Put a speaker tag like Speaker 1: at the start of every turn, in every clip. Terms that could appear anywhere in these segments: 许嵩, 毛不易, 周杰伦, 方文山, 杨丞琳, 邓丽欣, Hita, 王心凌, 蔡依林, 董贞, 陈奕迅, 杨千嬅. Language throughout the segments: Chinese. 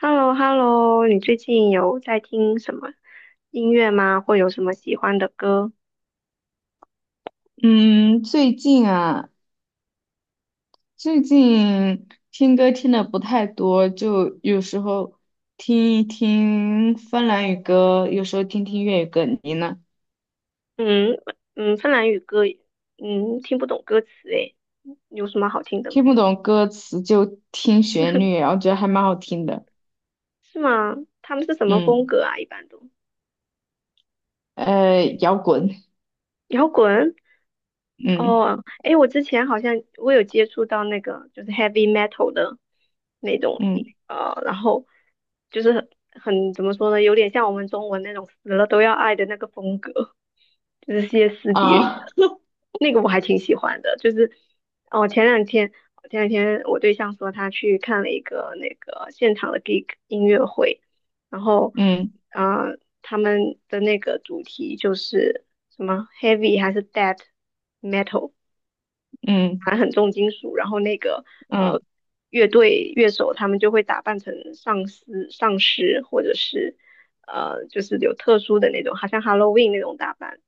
Speaker 1: h e l l o h e l l o 你最近有在听什么音乐吗？或有什么喜欢的歌？
Speaker 2: 嗯，最近啊，最近听歌听的不太多，就有时候听一听芬兰语歌，有时候听听粤语歌。你呢？
Speaker 1: 嗯芬兰语歌，听不懂歌词诶，有什么好听的吗？
Speaker 2: 听不懂歌词就听旋律，然后觉得还蛮好听的。
Speaker 1: 是吗？他们是什么风
Speaker 2: 嗯，
Speaker 1: 格啊？一般都
Speaker 2: 摇滚。
Speaker 1: 摇滚
Speaker 2: 嗯
Speaker 1: 哦。诶，我之前好像有接触到那个就是 heavy metal 的那种，
Speaker 2: 嗯
Speaker 1: 然后就是很怎么说呢，有点像我们中文那种死了都要爱的那个风格，就是歇斯底里。
Speaker 2: 啊，
Speaker 1: 那个我还挺喜欢的，就是哦，前两天我对象说他去看了一个那个现场的 gig 音乐会，然后
Speaker 2: 嗯
Speaker 1: 他们的那个主题就是什么 heavy 还是 death metal，
Speaker 2: 嗯
Speaker 1: 反正很重金属，然后那个
Speaker 2: 嗯
Speaker 1: 呃乐队乐手他们就会打扮成丧尸或者是就是有特殊的那种，好像 Halloween 那种打扮。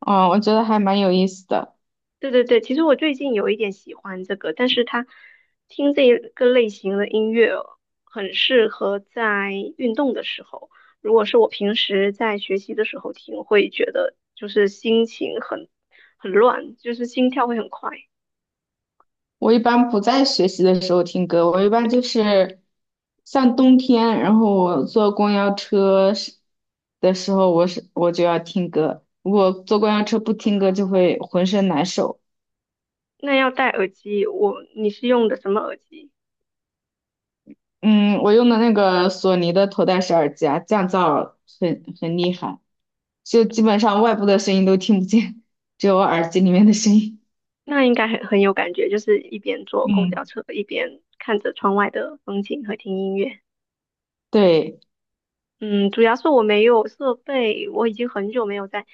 Speaker 2: 啊，哦，我觉得还蛮有意思的。
Speaker 1: 对对对，其实我最近有一点喜欢这个，但是它听这个类型的音乐很适合在运动的时候。如果是我平时在学习的时候听，会觉得就是心情很乱，就是心跳会很快。
Speaker 2: 我一般不在学习的时候听歌，我一般就是像冬天，然后我坐公交车时的时候，我就要听歌。如果坐公交车不听歌，就会浑身难受。
Speaker 1: 那要戴耳机，你是用的什么耳机？
Speaker 2: 嗯，我用的那个索尼的头戴式耳机啊，降噪很厉害，就基本上外部的声音都听不见，只有我耳机里面的声音。
Speaker 1: 那应该很有感觉，就是一边坐公
Speaker 2: 嗯，
Speaker 1: 交车一边看着窗外的风景和听音乐。
Speaker 2: 对，
Speaker 1: 嗯，主要是我没有设备，我已经很久没有在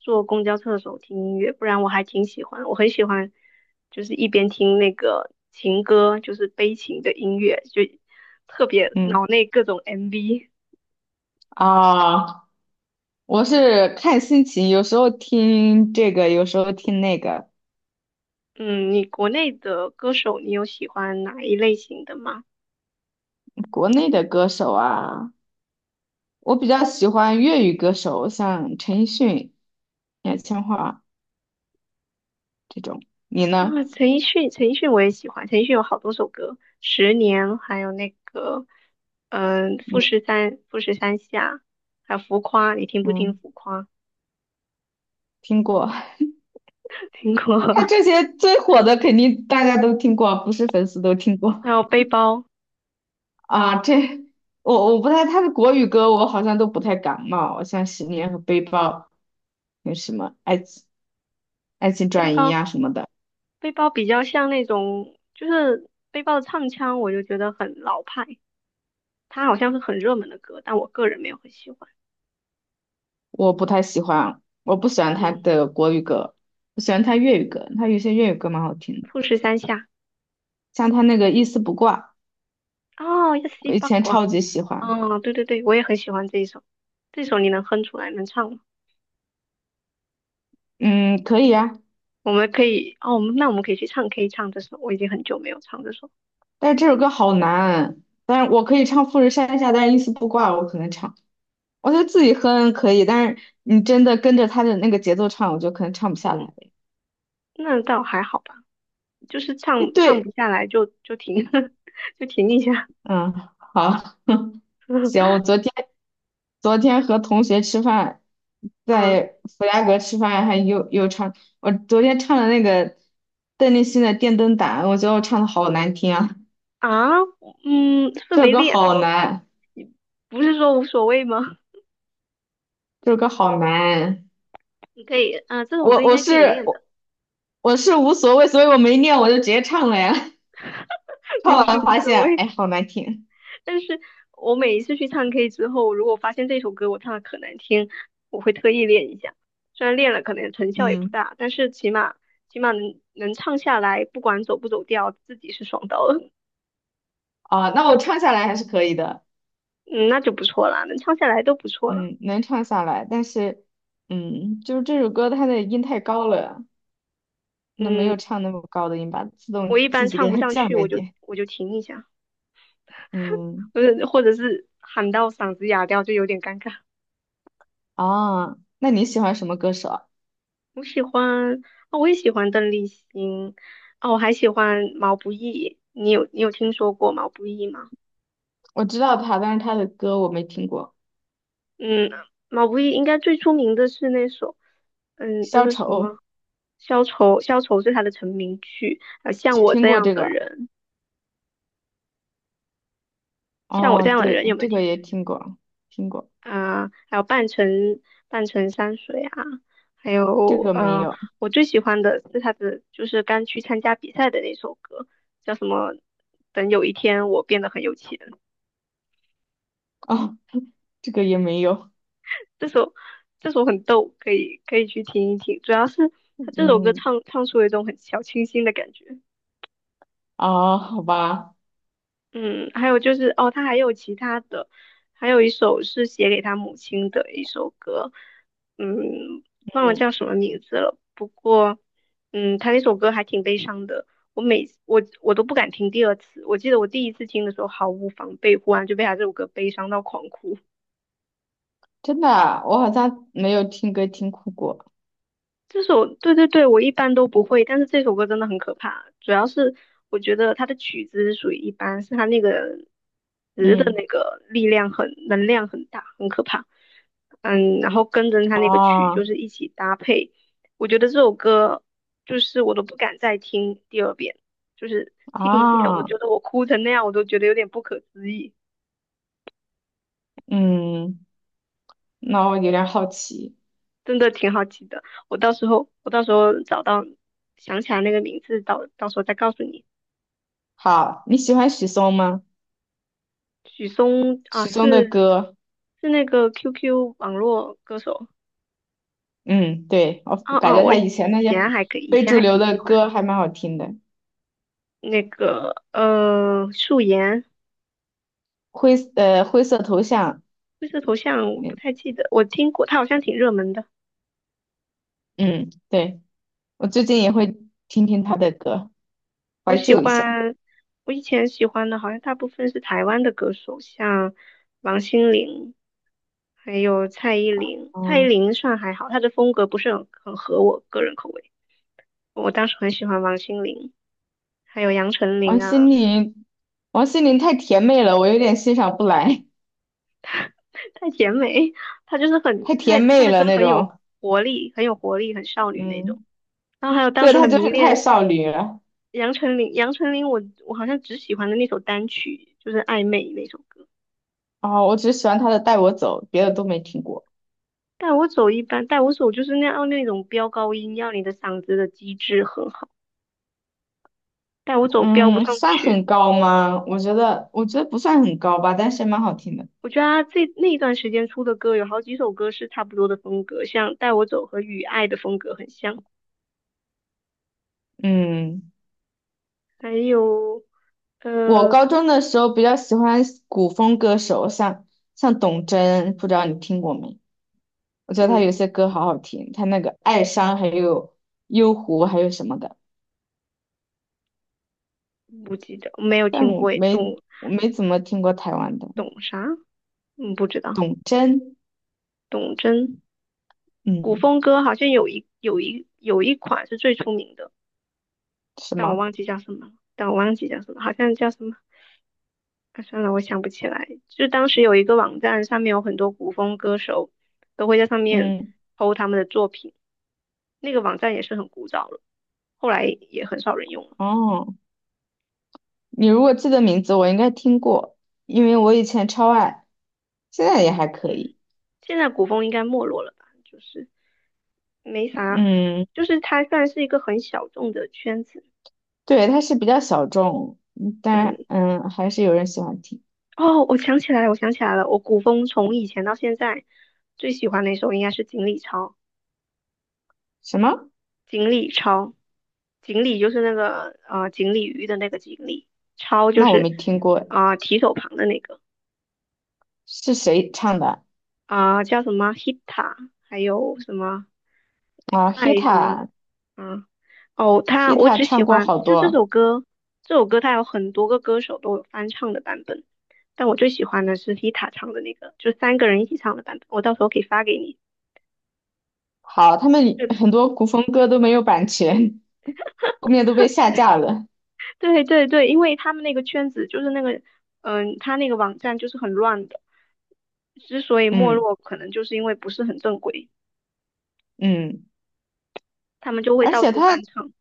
Speaker 1: 坐公交车的时候听音乐，不然我还挺喜欢，我很喜欢，就是一边听那个情歌，就是悲情的音乐，就特别
Speaker 2: 嗯
Speaker 1: 脑内各种 MV。
Speaker 2: 啊，我是看心情，有时候听这个，有时候听那个。
Speaker 1: 嗯，你国内的歌手，你有喜欢哪一类型的吗？
Speaker 2: 国内的歌手啊，我比较喜欢粤语歌手，像陈奕迅、杨千嬅这种。你呢？
Speaker 1: 啊，陈奕迅，陈奕迅我也喜欢，陈奕迅有好多首歌，《十年》，还有那个，嗯、富
Speaker 2: 嗯
Speaker 1: 士山，富士山下，还有浮夸，你听不听
Speaker 2: 嗯，
Speaker 1: 浮夸？
Speaker 2: 听过。
Speaker 1: 听过。
Speaker 2: 他这些最火的肯定大家都听过，不是粉丝都听
Speaker 1: 还
Speaker 2: 过。
Speaker 1: 有 背包，
Speaker 2: 啊。这我不太，他的国语歌我好像都不太感冒，像《十年》和《背包》，有什么《爱情转移》呀什么的，
Speaker 1: 背包比较像那种，就是背包的唱腔，我就觉得很老派。它好像是很热门的歌，但我个人没有很喜欢。
Speaker 2: 我不太喜欢。我不喜欢他
Speaker 1: 嗯，
Speaker 2: 的国语歌，我喜欢他粤语歌，他有些粤语歌蛮好听的，
Speaker 1: 富士山下，
Speaker 2: 像他那个《一丝不挂》。
Speaker 1: 哦，一西
Speaker 2: 我以
Speaker 1: 八
Speaker 2: 前
Speaker 1: 卦，
Speaker 2: 超级喜欢，
Speaker 1: 哦，对对对，我也很喜欢这一首。这首你能哼出来，能唱吗？
Speaker 2: 嗯，可以啊，
Speaker 1: 我们可以，哦，我们那可以去唱 K 唱这首，我已经很久没有唱这首，
Speaker 2: 但是这首歌好难，但是我可以唱《富士山下》，但是一丝不挂，我可能唱，我觉得自己哼可以，但是你真的跟着他的那个节奏唱，我就可能唱不下来。
Speaker 1: 那倒还好吧，就是
Speaker 2: 诶
Speaker 1: 唱不
Speaker 2: 对，
Speaker 1: 下来就停，就停一下。
Speaker 2: 嗯，好，行，我 昨天和同学吃饭，
Speaker 1: 啊
Speaker 2: 在弗莱格吃饭，还又唱，我昨天唱了那个邓丽欣的《电灯胆》，我觉得我唱的好难听啊，
Speaker 1: 啊,嗯，是不是
Speaker 2: 这首
Speaker 1: 没
Speaker 2: 歌
Speaker 1: 练？
Speaker 2: 好难，
Speaker 1: 不是说无所谓吗？
Speaker 2: 这首歌好难。
Speaker 1: 你可以，啊、这首
Speaker 2: 我
Speaker 1: 歌应
Speaker 2: 我
Speaker 1: 该可以
Speaker 2: 是
Speaker 1: 练的，
Speaker 2: 我我是无所谓，所以我没念，我就直接唱了呀。唱
Speaker 1: 其实
Speaker 2: 完
Speaker 1: 无
Speaker 2: 发
Speaker 1: 所
Speaker 2: 现，
Speaker 1: 谓。
Speaker 2: 哎，好难听。
Speaker 1: 但是我每一次去唱 K 之后，如果发现这首歌我唱的可难听，我会特意练一下。虽然练了可能成效也不
Speaker 2: 嗯，
Speaker 1: 大，但是起码能唱下来，不管走不走调，自己是爽到了，
Speaker 2: 啊，那我唱下来还是可以的，
Speaker 1: 嗯，那就不错啦，能唱下来都不错了。
Speaker 2: 嗯，能唱下来，但是，嗯，就是这首歌它的音太高了，那没
Speaker 1: 嗯，
Speaker 2: 有唱那么高的音吧，自
Speaker 1: 我
Speaker 2: 动
Speaker 1: 一般
Speaker 2: 自己
Speaker 1: 唱
Speaker 2: 给
Speaker 1: 不
Speaker 2: 它
Speaker 1: 上
Speaker 2: 降
Speaker 1: 去，
Speaker 2: 了一
Speaker 1: 我就
Speaker 2: 点。
Speaker 1: 我就停一下，
Speaker 2: 嗯，
Speaker 1: 或者是喊到嗓子哑掉，就有点尴尬。
Speaker 2: 啊，那你喜欢什么歌手啊？
Speaker 1: 我喜欢啊、我也喜欢邓丽欣啊、我还喜欢毛不易。你有听说过毛不易吗？
Speaker 2: 我知道他，但是他的歌我没听过，
Speaker 1: 嗯，毛不易应该最出名的是那首，嗯，那
Speaker 2: 消
Speaker 1: 个什么
Speaker 2: 愁
Speaker 1: 《消愁》，《消愁》是他的成名曲。还有像
Speaker 2: 只
Speaker 1: 我
Speaker 2: 听
Speaker 1: 这
Speaker 2: 过
Speaker 1: 样
Speaker 2: 这
Speaker 1: 的
Speaker 2: 个。
Speaker 1: 人，像我
Speaker 2: 哦，
Speaker 1: 这样的
Speaker 2: 对，
Speaker 1: 人有没有
Speaker 2: 这个
Speaker 1: 听？
Speaker 2: 也听过，听过，
Speaker 1: 啊、还有半城山水啊，还
Speaker 2: 这
Speaker 1: 有
Speaker 2: 个没
Speaker 1: 呃，
Speaker 2: 有。
Speaker 1: 我最喜欢的是他的就是刚去参加比赛的那首歌，叫什么？等有一天我变得很有钱。
Speaker 2: 哦，这个也没有。
Speaker 1: 这首这首很逗，可以去听一听。主要是他这首歌
Speaker 2: 嗯，
Speaker 1: 唱出了一种很小清新的感觉。
Speaker 2: 啊，好吧，
Speaker 1: 嗯，还有就是哦，他还有其他的，还有一首是写给他母亲的一首歌，嗯，忘了
Speaker 2: 嗯，
Speaker 1: 叫什么名字了。不过，嗯，他那首歌还挺悲伤的。我每我我都不敢听第二次。我记得我第一次听的时候毫无防备，忽然就被他这首歌悲伤到狂哭。
Speaker 2: 真的啊，我好像没有听歌听哭过。
Speaker 1: 这首，对对对，我一般都不会，但是这首歌真的很可怕。主要是我觉得它的曲子是属于一般，是它那个词的
Speaker 2: 嗯，
Speaker 1: 那个力量很，能量很大，很可怕。嗯，然后跟着它那个曲
Speaker 2: 啊
Speaker 1: 就是一起搭配，我觉得这首歌就是我都不敢再听第二遍，就是听一遍，我
Speaker 2: 啊，
Speaker 1: 觉得我哭成那样，我都觉得有点不可思议。
Speaker 2: 嗯，那我有点好奇。
Speaker 1: 真的挺好奇的，我到时候找到想起来那个名字，到时候再告诉你。
Speaker 2: 好，你喜欢许嵩吗？
Speaker 1: 许嵩啊，
Speaker 2: 许嵩的
Speaker 1: 是
Speaker 2: 歌，
Speaker 1: 是那个 QQ 网络歌手。
Speaker 2: 嗯，对，我感觉
Speaker 1: 我
Speaker 2: 他
Speaker 1: 以
Speaker 2: 以前那些
Speaker 1: 前还可以，以
Speaker 2: 非
Speaker 1: 前
Speaker 2: 主
Speaker 1: 还
Speaker 2: 流
Speaker 1: 挺
Speaker 2: 的
Speaker 1: 喜欢
Speaker 2: 歌还蛮好听的。
Speaker 1: 那个素颜，
Speaker 2: 灰，灰色头像，
Speaker 1: 灰色头像我
Speaker 2: 嗯，
Speaker 1: 不太记得，我听过，他好像挺热门的。
Speaker 2: 嗯，对，我最近也会听听他的歌，
Speaker 1: 我
Speaker 2: 怀
Speaker 1: 喜
Speaker 2: 旧一下。
Speaker 1: 欢，我以前喜欢的好像大部分是台湾的歌手，像王心凌，还有蔡依林。蔡依
Speaker 2: 嗯。
Speaker 1: 林算还好，她的风格不是很合我个人口味。我当时很喜欢王心凌，还有杨丞
Speaker 2: 王
Speaker 1: 琳啊。
Speaker 2: 心凌，王心凌太甜妹了，我有点欣赏不来，
Speaker 1: 太甜美，她就是很，
Speaker 2: 太
Speaker 1: 她
Speaker 2: 甜
Speaker 1: 她
Speaker 2: 妹
Speaker 1: 的歌
Speaker 2: 了那
Speaker 1: 很有
Speaker 2: 种。
Speaker 1: 活力，很有活力，很少女那种。
Speaker 2: 嗯，
Speaker 1: 然后还有当
Speaker 2: 对，
Speaker 1: 时
Speaker 2: 她
Speaker 1: 很
Speaker 2: 就
Speaker 1: 迷
Speaker 2: 是太
Speaker 1: 恋
Speaker 2: 少女了。
Speaker 1: 杨丞琳，杨丞琳我好像只喜欢的那首单曲就是《暧昧》那首歌。
Speaker 2: 哦，我只喜欢她的《带我走》，别的都没听过。
Speaker 1: 带我走一般，带我走就是那样那种飙高音，要你的嗓子的机制很好。带我走飙不
Speaker 2: 嗯，
Speaker 1: 上
Speaker 2: 算
Speaker 1: 去，
Speaker 2: 很高吗？我觉得，我觉得不算很高吧，但是蛮好听的。
Speaker 1: 我觉得她这那一段时间出的歌有好几首歌是差不多的风格，像《带我走》和《雨爱》的风格很像，
Speaker 2: 嗯，
Speaker 1: 还有。
Speaker 2: 我
Speaker 1: 呃，
Speaker 2: 高中的时候比较喜欢古风歌手，像董贞，不知道你听过没？我觉得他
Speaker 1: 嗯，
Speaker 2: 有些歌好好听，他那个《爱殇》还有《幽狐》还有什么的。
Speaker 1: 不记得，没有
Speaker 2: 但
Speaker 1: 听
Speaker 2: 我
Speaker 1: 过诶，
Speaker 2: 没我没怎么听过台湾的
Speaker 1: 董啥？嗯，不知道。
Speaker 2: 董贞，
Speaker 1: 董贞，古
Speaker 2: 嗯，
Speaker 1: 风歌好像有一款是最出名的，
Speaker 2: 什
Speaker 1: 但我
Speaker 2: 么？
Speaker 1: 忘记叫什么了，但我忘记叫什么，好像叫什么。啊，算了，我想不起来。就当时有一个网站，上面有很多古风歌手都会在上面
Speaker 2: 嗯，
Speaker 1: p 他们的作品，那个网站也是很古早了，后来也很少人用了。
Speaker 2: 哦，你如果记得名字，我应该听过，因为我以前超爱，现在也还可
Speaker 1: 嗯，
Speaker 2: 以。
Speaker 1: 现在古风应该没落了吧？就是没啥，
Speaker 2: 嗯，
Speaker 1: 就是它算是一个很小众的圈子。
Speaker 2: 对，它是比较小众，嗯
Speaker 1: 嗯。
Speaker 2: 但嗯，还是有人喜欢听。
Speaker 1: 哦，我想起来了，我古风从以前到现在最喜欢的一首应该是《锦鲤抄》，
Speaker 2: 什么？
Speaker 1: 锦鲤抄，锦鲤就是那个锦鲤鱼的那个锦鲤，抄就
Speaker 2: 那我
Speaker 1: 是
Speaker 2: 没听过，
Speaker 1: 啊、提手旁的那个
Speaker 2: 是谁唱的
Speaker 1: 啊、叫什么 Hita，还有什么
Speaker 2: 啊
Speaker 1: 爱什么
Speaker 2: ？Hita,
Speaker 1: 啊？哦，他我
Speaker 2: Hita
Speaker 1: 只喜
Speaker 2: 唱过
Speaker 1: 欢
Speaker 2: 好
Speaker 1: 就这
Speaker 2: 多，
Speaker 1: 首歌，这首歌它有很多个歌手都有翻唱的版本，但我最喜欢的是 Hita 唱的那个，就三个人一起唱的版本，我到时候可以发给你。
Speaker 2: 好，他们
Speaker 1: 对对。
Speaker 2: 很多古风歌都没有版权，后面都被下架了。
Speaker 1: 对对对，因为他们那个圈子就是那个，嗯、他那个网站就是很乱的，之所以没
Speaker 2: 嗯
Speaker 1: 落，可能就是因为不是很正规，
Speaker 2: 嗯。
Speaker 1: 他们就会
Speaker 2: 而
Speaker 1: 到
Speaker 2: 且
Speaker 1: 处翻
Speaker 2: 他，
Speaker 1: 唱。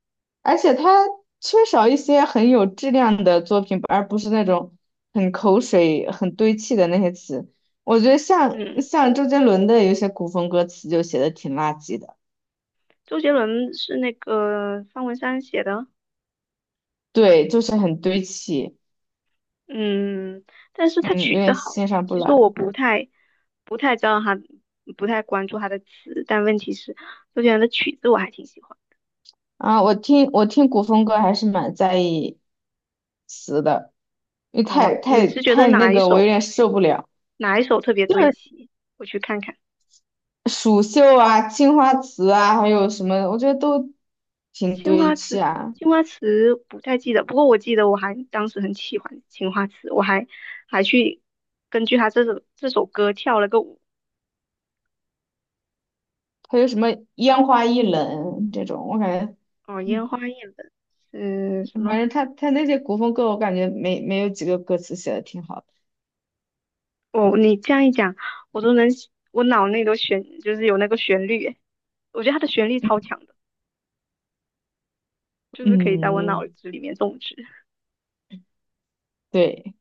Speaker 2: 而且他缺少一些很有质量的作品，而不是那种很口水、很堆砌的那些词。我觉得像
Speaker 1: 嗯，
Speaker 2: 像周杰伦的有些古风歌词就写的挺垃圾的，
Speaker 1: 周杰伦是那个方文山写的，
Speaker 2: 对，就是很堆砌，
Speaker 1: 嗯，但是他
Speaker 2: 嗯，有
Speaker 1: 曲子
Speaker 2: 点
Speaker 1: 好，
Speaker 2: 欣赏不
Speaker 1: 其实
Speaker 2: 来
Speaker 1: 我不太知道他，不太关注他的词，但问题是周杰伦的曲子我还挺喜欢。
Speaker 2: 啊。我听古风歌还是蛮在意词的，因为
Speaker 1: 哦，
Speaker 2: 太
Speaker 1: 你
Speaker 2: 太
Speaker 1: 是觉得
Speaker 2: 太那
Speaker 1: 哪一
Speaker 2: 个，我有
Speaker 1: 首
Speaker 2: 点受不了。
Speaker 1: 哪一首特别
Speaker 2: 就
Speaker 1: 堆
Speaker 2: 是
Speaker 1: 砌？我去看看。
Speaker 2: 蜀绣啊、青花瓷啊，还有什么，我觉得都挺
Speaker 1: 青
Speaker 2: 堆
Speaker 1: 花
Speaker 2: 砌
Speaker 1: 瓷，
Speaker 2: 啊。
Speaker 1: 青花瓷不太记得，不过我记得我还当时很喜欢青花瓷，我还去根据他这首歌跳了个舞，
Speaker 2: 还有什么烟花易冷这种，我感觉，
Speaker 1: 哦，烟
Speaker 2: 嗯，
Speaker 1: 花易冷是什么？
Speaker 2: 反正他那些古风歌，我感觉没有几个歌词写的挺好的。
Speaker 1: 哦，你这样一讲，我都能，我脑内都旋，就是有那个旋律，我觉得它的旋律超强的，就是可以在我
Speaker 2: 嗯，
Speaker 1: 脑子里面种植。
Speaker 2: 对，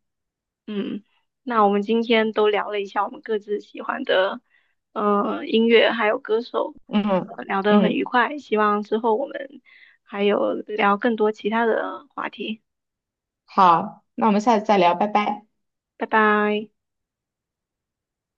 Speaker 1: 嗯，那我们今天都聊了一下我们各自喜欢的，呃，音乐还有歌手，
Speaker 2: 嗯
Speaker 1: 聊得很
Speaker 2: 嗯，
Speaker 1: 愉快。希望之后我们还有聊更多其他的话题。
Speaker 2: 好，那我们下次再聊，拜拜。
Speaker 1: 拜拜。